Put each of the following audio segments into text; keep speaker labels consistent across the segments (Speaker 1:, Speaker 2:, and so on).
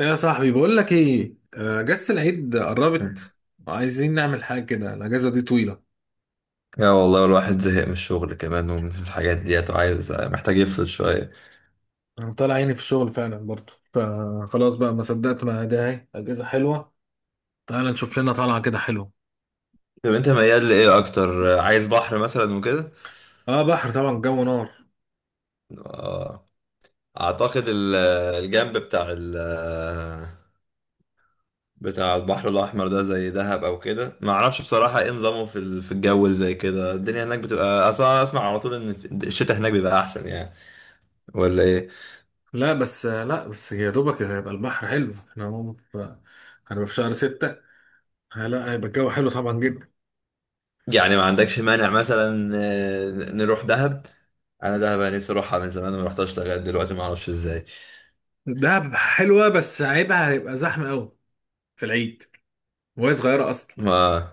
Speaker 1: يا صاحبي بقول لك ايه، اجازة العيد قربت. وعايزين نعمل حاجة كده، الاجازة دي طويلة.
Speaker 2: يا والله الواحد زهق من الشغل كمان ومن الحاجات ديت، وعايز محتاج يفصل شوية.
Speaker 1: انا طالع عيني في الشغل فعلا برضه، فخلاص بقى ما صدقت، ما ده اهي اجازة حلوة. تعال نشوف لنا طالعة كده حلوة.
Speaker 2: طب انت ميال لإيه أكتر، عايز بحر مثلا وكده؟
Speaker 1: اه بحر طبعا، جو نار.
Speaker 2: آه، أعتقد الجنب بتاع بتاع البحر الأحمر ده زي دهب أو كده، ما أعرفش بصراحة إيه نظامه في الجو اللي زي كده. الدنيا هناك بتبقى أصلا، أسمع على طول إن الشتاء هناك بيبقى أحسن يعني، ولا إيه؟
Speaker 1: لا بس يا دوبك هيبقى البحر حلو، احنا هو هنبقى في شهر 6. لا هيبقى الجو حلو طبعا جدا.
Speaker 2: يعني ما عندكش مانع مثلا نروح دهب؟ أنا دهب، أنا نفسي أروحها من زمان وما رحتهاش لغاية دلوقتي، ما أعرفش إزاي.
Speaker 1: دهب حلوة بس عيبها هيبقى زحمة قوي في العيد، وهي صغيرة اصلا.
Speaker 2: ما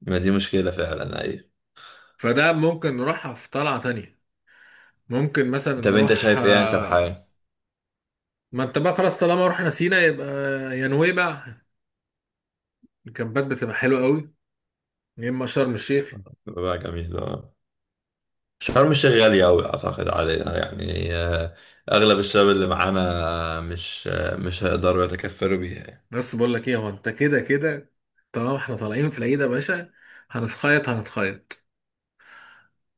Speaker 2: ما دي مشكلة فعلا، أيوة.
Speaker 1: فده ممكن نروحها في طلعة تانية. ممكن مثلا
Speaker 2: طب أنت
Speaker 1: نروح
Speaker 2: شايف إيه أنسب
Speaker 1: آه،
Speaker 2: حاجة؟
Speaker 1: ما انت بقى خلاص، طالما رحنا سينا يبقى يا نويبع الكامبات بتبقى حلوة قوي، يا اما شرم الشيخ.
Speaker 2: بقى جميل، أه. شرم الشيخ غالية أوي أعتقد علينا يعني، أغلب الشباب اللي معانا مش هيقدروا يتكفلوا بيها يعني.
Speaker 1: بس بقول لك ايه، هو انت كده كده طالما احنا طالعين في العيد يا باشا هنتخيط هنتخيط،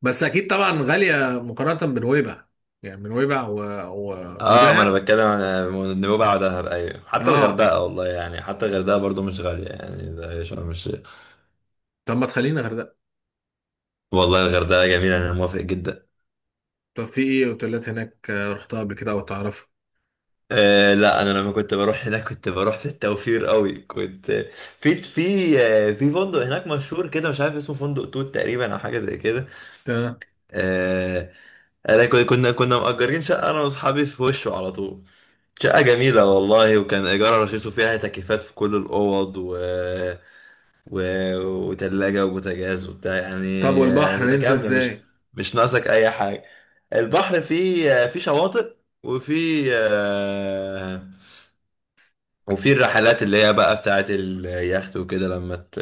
Speaker 1: بس اكيد طبعا غالية مقارنة بنويبع. يعني بنويبع
Speaker 2: اه، ما انا
Speaker 1: ودهب.
Speaker 2: بتكلم عن نوبة دهب، ايوه. حتى
Speaker 1: اه
Speaker 2: الغردقه والله يعني، حتى الغردقه برضو مش غاليه يعني زي شرم الشيخ.
Speaker 1: طب ما تخلينا غردقة.
Speaker 2: والله الغردقه جميله، انا موافق جدا.
Speaker 1: طب في ايه اوتيلات هناك، رحتها قبل كده او تعرفها؟
Speaker 2: لا، انا لما كنت بروح هناك كنت بروح في التوفير قوي. كنت في في فندق هناك مشهور كده، مش عارف اسمه، فندق توت تقريبا او حاجه زي كده.
Speaker 1: تمام.
Speaker 2: آه انا كنا مأجرين شقه، انا واصحابي في وشه على طول. شقه جميله والله، وكان ايجارها رخيص، وفيها تكييفات في كل الاوض، و... وتلاجه وبوتاجاز وبتاع
Speaker 1: طب
Speaker 2: يعني.
Speaker 1: والبحر ننزل
Speaker 2: متكامله، مش
Speaker 1: ازاي؟
Speaker 2: مش ناقصك اي حاجه. البحر فيه فيه شواطئ، وفي وفي الرحلات اللي هي بقى بتاعت اليخت وكده، لما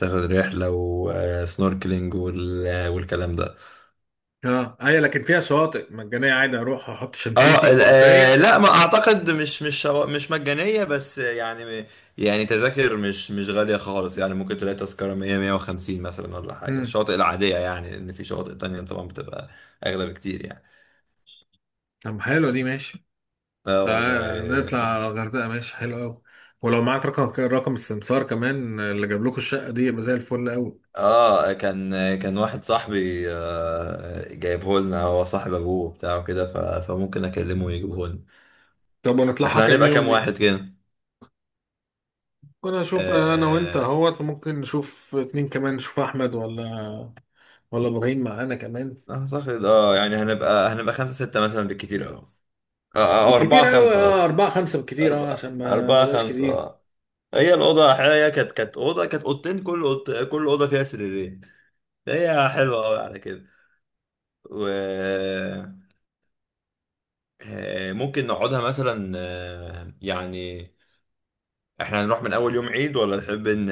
Speaker 2: تاخد رحلة وسنوركلينج والكلام ده.
Speaker 1: اه ايوه، لكن فيها شواطئ مجانية عادي اروح احط شمسيتي
Speaker 2: اه
Speaker 1: وكرسية؟
Speaker 2: لا، ما اعتقد مش مجانية بس يعني. يعني تذاكر مش غالية خالص يعني، ممكن تلاقي تذكرة 100 150 مثلا ولا حاجة
Speaker 1: امم.
Speaker 2: الشواطئ العادية يعني، لأن في شواطئ تانية طبعا بتبقى أغلى بكتير يعني.
Speaker 1: طب حلوة دي ماشي.
Speaker 2: اه
Speaker 1: تعال نطلع
Speaker 2: والله.
Speaker 1: على الغردقة، ماشي حلو قوي. ولو معاك رقم السمسار كمان اللي جاب لكم الشقة دي يبقى زي الفل قوي.
Speaker 2: اه، كان واحد صاحبي، جايبه لنا هو، صاحب ابوه بتاعه كده، فممكن اكلمه ويجيبه لنا.
Speaker 1: طب ونطلعها
Speaker 2: احنا
Speaker 1: كام
Speaker 2: هنبقى
Speaker 1: يوم
Speaker 2: كام
Speaker 1: دي؟
Speaker 2: واحد كده؟
Speaker 1: ممكن اشوف انا وانت
Speaker 2: آه،
Speaker 1: اهوت، ممكن نشوف اتنين كمان، نشوف احمد ولا ولا ابراهيم معانا كمان.
Speaker 2: اعتقد يعني هنبقى خمسة ستة مثلا بالكتير اوي. او اربعة
Speaker 1: بالكتير قوي
Speaker 2: خمسة
Speaker 1: اه
Speaker 2: قصدي.
Speaker 1: اربعة خمسة بالكتير، اه
Speaker 2: أربعة
Speaker 1: عشان ما
Speaker 2: أربعة
Speaker 1: نبقاش
Speaker 2: خمسة
Speaker 1: كتير.
Speaker 2: اه. هي الأوضة هي كانت أوضة، كانت أوضتين، كل أوضة فيها سريرين. هي حلوة أوي على كده. و آه، ممكن نقعدها مثلا يعني، احنا هنروح من اول يوم عيد، ولا نحب ان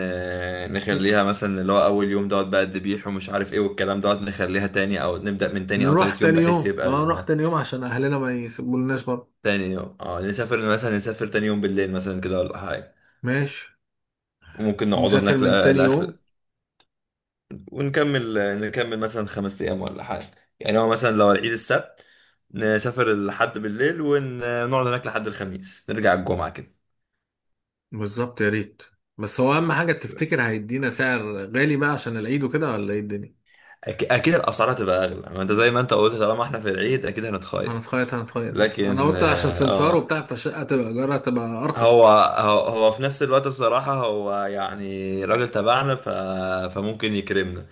Speaker 2: نخليها مثلا اللي هو اول يوم دوت بقى، الذبيح ومش عارف ايه والكلام دوت، نخليها تاني او نبدأ من تاني او
Speaker 1: نروح
Speaker 2: تالت يوم
Speaker 1: تاني
Speaker 2: بحيث
Speaker 1: يوم، اه
Speaker 2: يبقى
Speaker 1: نروح تاني يوم عشان اهلنا ما يسيبولناش برضه.
Speaker 2: تاني يوم، اه. نسافر مثلا، نسافر تاني يوم بالليل مثلا كده ولا حاجة.
Speaker 1: ماشي.
Speaker 2: وممكن نقعد
Speaker 1: نسافر
Speaker 2: هناك
Speaker 1: من تاني
Speaker 2: لآخر،
Speaker 1: يوم.
Speaker 2: ونكمل، نكمل مثلا خمس ايام ولا حاجة. يعني هو مثلا لو العيد السبت، نسافر الحد بالليل ونقعد هناك لحد الخميس، نرجع الجمعة كده.
Speaker 1: بالظبط، يا ريت. بس هو اهم حاجه، تفتكر هيدينا سعر غالي بقى عشان العيد وكده ولا ايه الدنيا؟
Speaker 2: اكيد الاسعار هتبقى اغلى، ما انت زي ما انت قلت طالما احنا في العيد اكيد هنتخيط.
Speaker 1: هنتخيط هنتخيط، ده انا
Speaker 2: لكن
Speaker 1: قلت عشان سمسار وبتاع فالشقه تبقى ايجارها تبقى
Speaker 2: هو
Speaker 1: ارخص.
Speaker 2: هو هو في نفس الوقت بصراحة، هو يعني راجل تبعنا، فممكن يكرمنا.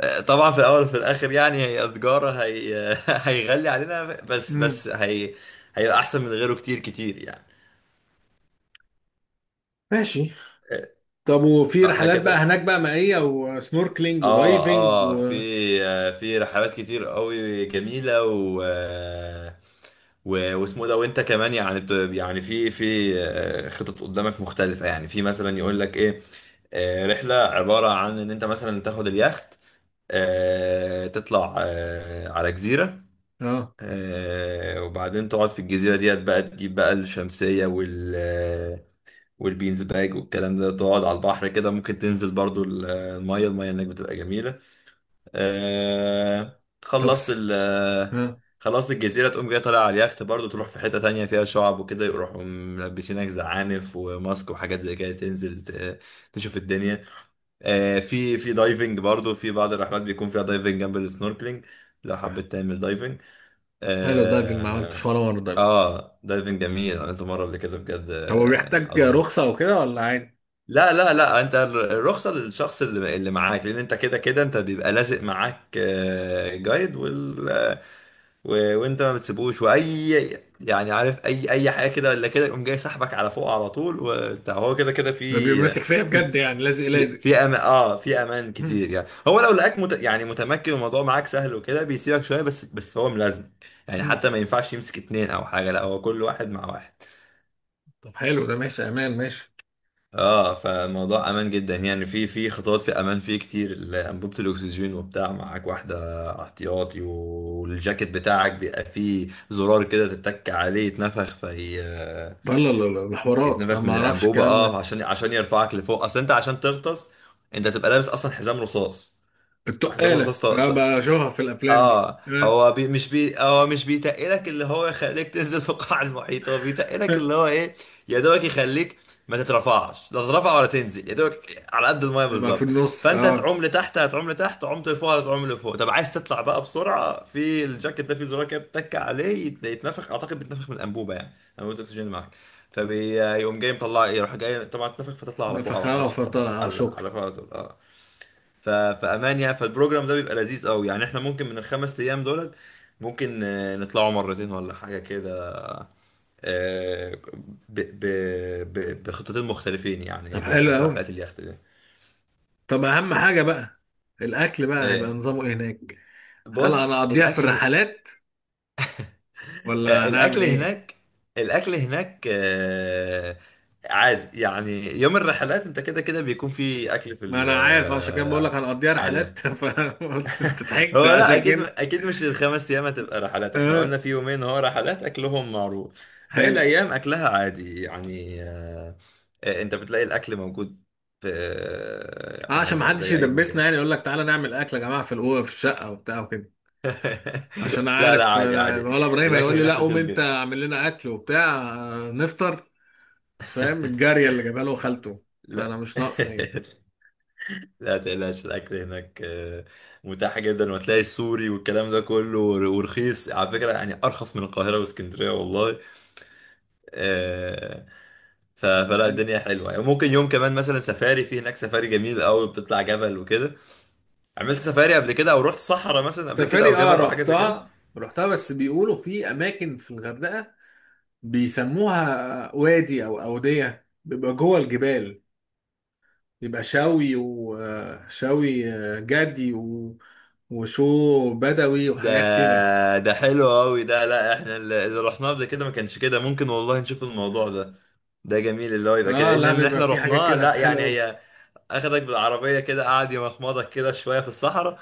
Speaker 2: طبعا في الأول وفي الآخر، يعني هي تجارة، هي... هيغلي علينا، بس
Speaker 1: امم،
Speaker 2: بس هي هيبقى أحسن من غيره، كتير يعني.
Speaker 1: ماشي.
Speaker 2: آه،
Speaker 1: طب وفي
Speaker 2: فاحنا
Speaker 1: رحلات بقى
Speaker 2: كده.
Speaker 1: هناك بقى مائيه وسنوركلينج ودايفنج
Speaker 2: اه في
Speaker 1: و...
Speaker 2: في رحلات كتير قوي جميله، واسمه ده، وانت كمان يعني يعني في في آه، خطط قدامك مختلفه، يعني في مثلا يقول لك ايه، رحله عباره عن ان انت مثلا تاخد اليخت، تطلع على جزيره،
Speaker 1: اه
Speaker 2: وبعدين تقعد في الجزيره ديت بقى، تجيب بقى الشمسيه والبينز باج والكلام ده، تقعد على البحر كده، ممكن تنزل برضو الميه هناك بتبقى جميله. آه
Speaker 1: طب
Speaker 2: خلصت
Speaker 1: س-
Speaker 2: ال آه،
Speaker 1: ها.
Speaker 2: خلصت الجزيرة، تقوم جاي طالع على اليخت برضه، تروح في حتة تانية فيها شعب وكده، يروحوا ملبسينك زعانف وماسك وحاجات زي كده، تنزل تشوف الدنيا. آه في دايفنج برضه، في بعض الرحلات بيكون فيها دايفنج جنب السنوركلينج لو حبيت تعمل دايفنج.
Speaker 1: حلو الدايفنج، ما عملتش
Speaker 2: اه,
Speaker 1: ولا مره دايفنج.
Speaker 2: آه دايفنج جميل، عملته مرة قبل كده، بجد،
Speaker 1: طب هو بيحتاج
Speaker 2: عظيم.
Speaker 1: رخصه وكده ولا عادي؟
Speaker 2: لا لا لا، انت الرخصة للشخص اللي معاك، لان انت كده كده انت بيبقى لازق معاك، جايد وانت ما بتسيبوش واي يعني، عارف اي حاجة كده ولا كده، يقوم جاي سحبك على فوق على طول وبتاع. هو كده كده
Speaker 1: ده بيبقى ماسك فيا
Speaker 2: في
Speaker 1: بجد، يعني لازق لازق.
Speaker 2: في امان، اه في امان
Speaker 1: مم.
Speaker 2: كتير يعني. هو لو لقاك يعني متمكن الموضوع معاك سهل وكده بيسيبك شوية، بس هو ملازم. يعني
Speaker 1: مم.
Speaker 2: حتى ما ينفعش يمسك اتنين او حاجة، لا هو كل واحد مع واحد.
Speaker 1: طب حلو ده، ماشي امان، ماشي.
Speaker 2: اه، فالموضوع امان جدا يعني. في في خطوات في امان فيه كتير، انبوبه الاكسجين وبتاع معاك واحده احتياطي، والجاكيت بتاعك بيبقى فيه زرار كده، تتك عليه يتنفخ في
Speaker 1: لا لا لا لا، ده حوارات انا
Speaker 2: بيتنفخ
Speaker 1: ما
Speaker 2: من
Speaker 1: اعرفش
Speaker 2: الانبوبه،
Speaker 1: الكلام
Speaker 2: اه
Speaker 1: ده.
Speaker 2: عشان يرفعك لفوق، اصل انت عشان تغطس انت تبقى لابس اصلا حزام رصاص. فحزام
Speaker 1: التقالة
Speaker 2: الرصاص،
Speaker 1: انا بشوفها في الافلام دي
Speaker 2: اه
Speaker 1: آه.
Speaker 2: هو مش بيتقلك اللي هو يخليك تنزل في القاع المحيط، هو بيتقلك اللي هو ايه، يا دوبك يخليك ما تترفعش، لا تترفع ولا تنزل، يا دوبك على قد المايه
Speaker 1: لما في
Speaker 2: بالظبط.
Speaker 1: النص
Speaker 2: فانت
Speaker 1: اه.
Speaker 2: هتعوم لتحت، هتعوم لتحت، عمت لفوق هتعوم لفوق. طب عايز تطلع بقى بسرعه، في الجاكيت ده في زرار كده بتتك عليه يتنفخ، اعتقد بيتنفخ من الانبوبه يعني، انبوبه الاكسجين اللي معاك. فبيقوم جاي مطلع، يروح جاي طبعا تنفخ فتطلع على فوق، على
Speaker 1: نفخها
Speaker 2: الشط، على
Speaker 1: فطلع، اه
Speaker 2: على
Speaker 1: شكرا.
Speaker 2: على فوق على طول اه. فامان يعني. فالبروجرام ده بيبقى لذيذ قوي يعني، احنا ممكن من الخمس ايام دولت ممكن نطلعوا مرتين ولا حاجه كده. آه، ب... ب... بخطتين مختلفين يعني،
Speaker 1: طب حلو قوي.
Speaker 2: رحلات اليخت دي.
Speaker 1: طب اهم حاجة بقى، الاكل بقى
Speaker 2: آه،
Speaker 1: هيبقى نظامه ايه هناك؟ هل انا
Speaker 2: بص،
Speaker 1: اقضيها في
Speaker 2: الاكل،
Speaker 1: الرحلات ولا
Speaker 2: آه،
Speaker 1: هنعمل
Speaker 2: الاكل
Speaker 1: ايه؟
Speaker 2: هناك الاكل هناك عادي يعني. يوم الرحلات انت كده كده بيكون في اكل في
Speaker 1: ما
Speaker 2: ال-
Speaker 1: انا عارف، عشان كده بقول لك
Speaker 2: آه،
Speaker 1: هنقضيها رحلات.
Speaker 2: عليه.
Speaker 1: فقلت انت ضحكت
Speaker 2: هو لا،
Speaker 1: عشان
Speaker 2: اكيد
Speaker 1: كده.
Speaker 2: اكيد مش الخمس ايام هتبقى رحلات، احنا
Speaker 1: آه.
Speaker 2: قلنا في يومين هو رحلات، اكلهم معروف، باقي
Speaker 1: حلو.
Speaker 2: الايام اكلها عادي يعني، انت بتلاقي الاكل موجود في يعني
Speaker 1: عشان
Speaker 2: عادي
Speaker 1: ما
Speaker 2: زي,
Speaker 1: حدش
Speaker 2: زي اي
Speaker 1: يدبسنا
Speaker 2: مكان.
Speaker 1: يعني، يقول لك تعالى نعمل اكل يا جماعة في الاوضه في الشقة وبتاع وكده. عشان
Speaker 2: لا لا،
Speaker 1: عارف
Speaker 2: عادي عادي.
Speaker 1: الولا ابراهيم هيقول
Speaker 2: الاكل
Speaker 1: لي لا
Speaker 2: هناك
Speaker 1: قوم
Speaker 2: رخيص
Speaker 1: انت
Speaker 2: جدا.
Speaker 1: اعمل لنا اكل وبتاع، نفطر. فاهم؟ الجاريه اللي جابها له خالته، فانا
Speaker 2: لا
Speaker 1: مش ناقصه ايه.
Speaker 2: لا تقلقش، الاكل هناك متاح جدا، وتلاقي السوري والكلام ده كله ورخيص على فكره يعني، ارخص من القاهره واسكندريه والله. آه، فلا،
Speaker 1: حلو.
Speaker 2: الدنيا حلوه يعني، ممكن يوم كمان مثلا سفاري، في هناك سفاري جميل قوي، بتطلع جبل وكده. عملت سفاري قبل كده، او رحت صحراء مثلا قبل كده،
Speaker 1: سفاري
Speaker 2: او
Speaker 1: اه
Speaker 2: جبل او حاجه زي كده؟
Speaker 1: رحتها بس بيقولوا في اماكن في الغردقه بيسموها وادي او اوديه بيبقى جوه الجبال. بيبقى شوي وشوي جدي وشو بدوي
Speaker 2: ده
Speaker 1: وحاجات كده.
Speaker 2: ده حلو قوي ده، لا احنا اللي رحناه قبل كده ما كانش كده، ممكن والله نشوف الموضوع ده، ده جميل اللي هو يبقى
Speaker 1: اه
Speaker 2: كده، ان
Speaker 1: لا
Speaker 2: إن
Speaker 1: بيبقى
Speaker 2: احنا
Speaker 1: في حاجات
Speaker 2: رحناه
Speaker 1: كده
Speaker 2: لا يعني
Speaker 1: حلوه
Speaker 2: هي. اخدك بالعربيه كده، قعد يمخمضك كده شويه في الصحراء،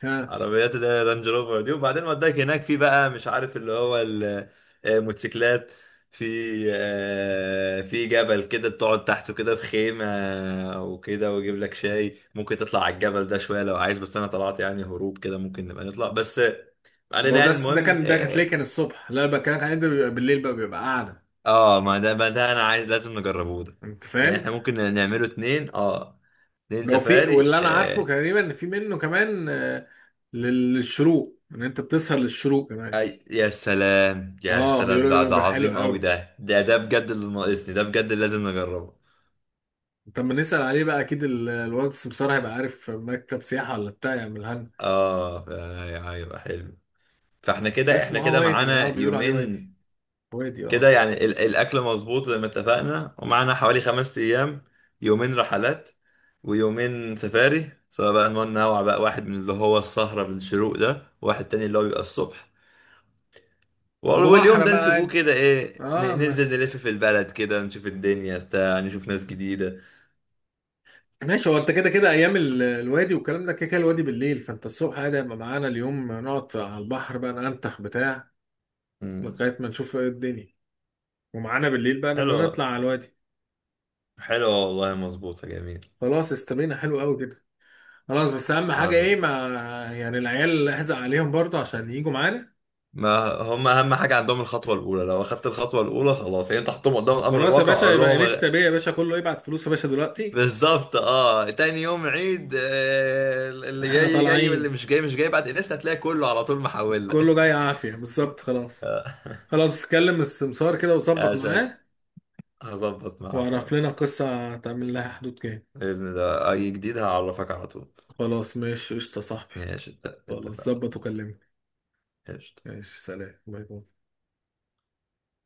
Speaker 1: قوي.
Speaker 2: عربيات اللي هي رانج روفر دي، وبعدين وداك هناك في بقى مش عارف اللي هو موتوسيكلات. في في جبل كده تقعد تحته كده في خيمة وكده، ويجيب لك شاي، ممكن تطلع على الجبل ده شوية لو عايز، بس انا طلعت يعني هروب كده، ممكن نبقى نطلع بس علينا
Speaker 1: هو ده
Speaker 2: يعني،
Speaker 1: ده
Speaker 2: المهم
Speaker 1: كان ده
Speaker 2: اه.
Speaker 1: هتلاقيه كان الصبح، لا انا بكلمك عن ده بيبقى بالليل بقى بيبقى قاعده.
Speaker 2: ما ده انا عايز، لازم نجربه ده،
Speaker 1: انت
Speaker 2: يعني
Speaker 1: فاهم؟
Speaker 2: احنا ممكن نعمله اتنين اه، اتنين
Speaker 1: لو في،
Speaker 2: سفاري
Speaker 1: واللي انا عارفه تقريبا ان في منه كمان، للشروق، ان انت بتسهر للشروق كمان.
Speaker 2: أي يا سلام يا
Speaker 1: اه
Speaker 2: سلام،
Speaker 1: بيقولوا
Speaker 2: ده
Speaker 1: ده
Speaker 2: ده
Speaker 1: بيبقى حلو
Speaker 2: عظيم قوي،
Speaker 1: قوي.
Speaker 2: ده بجد اللي ناقصني، ده بجد اللي لازم نجربه.
Speaker 1: طب ما نسال عليه بقى، اكيد الواد السمسار هيبقى عارف مكتب سياحه ولا بتاع يعملها لنا.
Speaker 2: اه هيبقى حلو، فاحنا كده، احنا
Speaker 1: اسمه اه
Speaker 2: كده
Speaker 1: وادي، اه
Speaker 2: معانا
Speaker 1: بيقولوا عليه
Speaker 2: يومين،
Speaker 1: وادي، وادي.
Speaker 2: كده
Speaker 1: اه
Speaker 2: يعني الاكل مظبوط زي ما اتفقنا، ومعانا حوالي خمس ايام. يومين رحلات، ويومين سفاري، سواء بقى ننوع بقى، واحد من اللي هو السهرة بالشروق ده، واحد تاني اللي هو بيبقى الصبح، واليوم
Speaker 1: وبحر
Speaker 2: ده
Speaker 1: بقى
Speaker 2: نسيبوه
Speaker 1: عادي.
Speaker 2: كده، ايه
Speaker 1: اه.
Speaker 2: ننزل نلف في البلد كده، نشوف الدنيا بتاع، نشوف ناس جديدة.
Speaker 1: ماشي، هو انت كده كده ايام الوادي والكلام ده كده كده الوادي بالليل، فانت الصبح عادي هيبقى معانا اليوم نقعد على البحر بقى ننتخ بتاع لغايه ما نشوف ايه الدنيا، ومعانا بالليل بقى لما
Speaker 2: حلو،
Speaker 1: نطلع على الوادي.
Speaker 2: حلو والله، مظبوطة جميل.
Speaker 1: خلاص استبينا حلو قوي كده. خلاص، بس اهم حاجه
Speaker 2: عظم.
Speaker 1: ايه، ما يعني العيال احزق عليهم برضه عشان يجوا معانا.
Speaker 2: ما هم أهم حاجة عندهم الخطوة الأولى، لو أخدت الخطوة الأولى خلاص يعني، أنت حطهم قدام الأمر
Speaker 1: خلاص يا
Speaker 2: الواقع
Speaker 1: باشا،
Speaker 2: وقول
Speaker 1: يبقى
Speaker 2: لهم.
Speaker 1: انستا بيه يا باشا، كله يبعت فلوس يا باشا دلوقتي،
Speaker 2: بالظبط أه، تاني يوم عيد، اللي
Speaker 1: احنا
Speaker 2: جاي جاي واللي
Speaker 1: طالعين،
Speaker 2: مش جاي مش جاي، بعد انستا هتلاقي كله على طول محول لك.
Speaker 1: كله جاي عافيه، بالظبط خلاص.
Speaker 2: آه،
Speaker 1: خلاص كلم السمسار كده وظبط
Speaker 2: عشان
Speaker 1: معاه،
Speaker 2: هظبط معاها
Speaker 1: واعرف لنا
Speaker 2: خلاص،
Speaker 1: القصه هتعمل لها حدود كام.
Speaker 2: بإذن الله أي جديد هعرفك على طول.
Speaker 1: خلاص ماشي قشطة يا صاحبي.
Speaker 2: ماشي،
Speaker 1: خلاص
Speaker 2: اتفقنا،
Speaker 1: ظبط وكلمني.
Speaker 2: قشطة.
Speaker 1: ماشي، سلام، باي باي.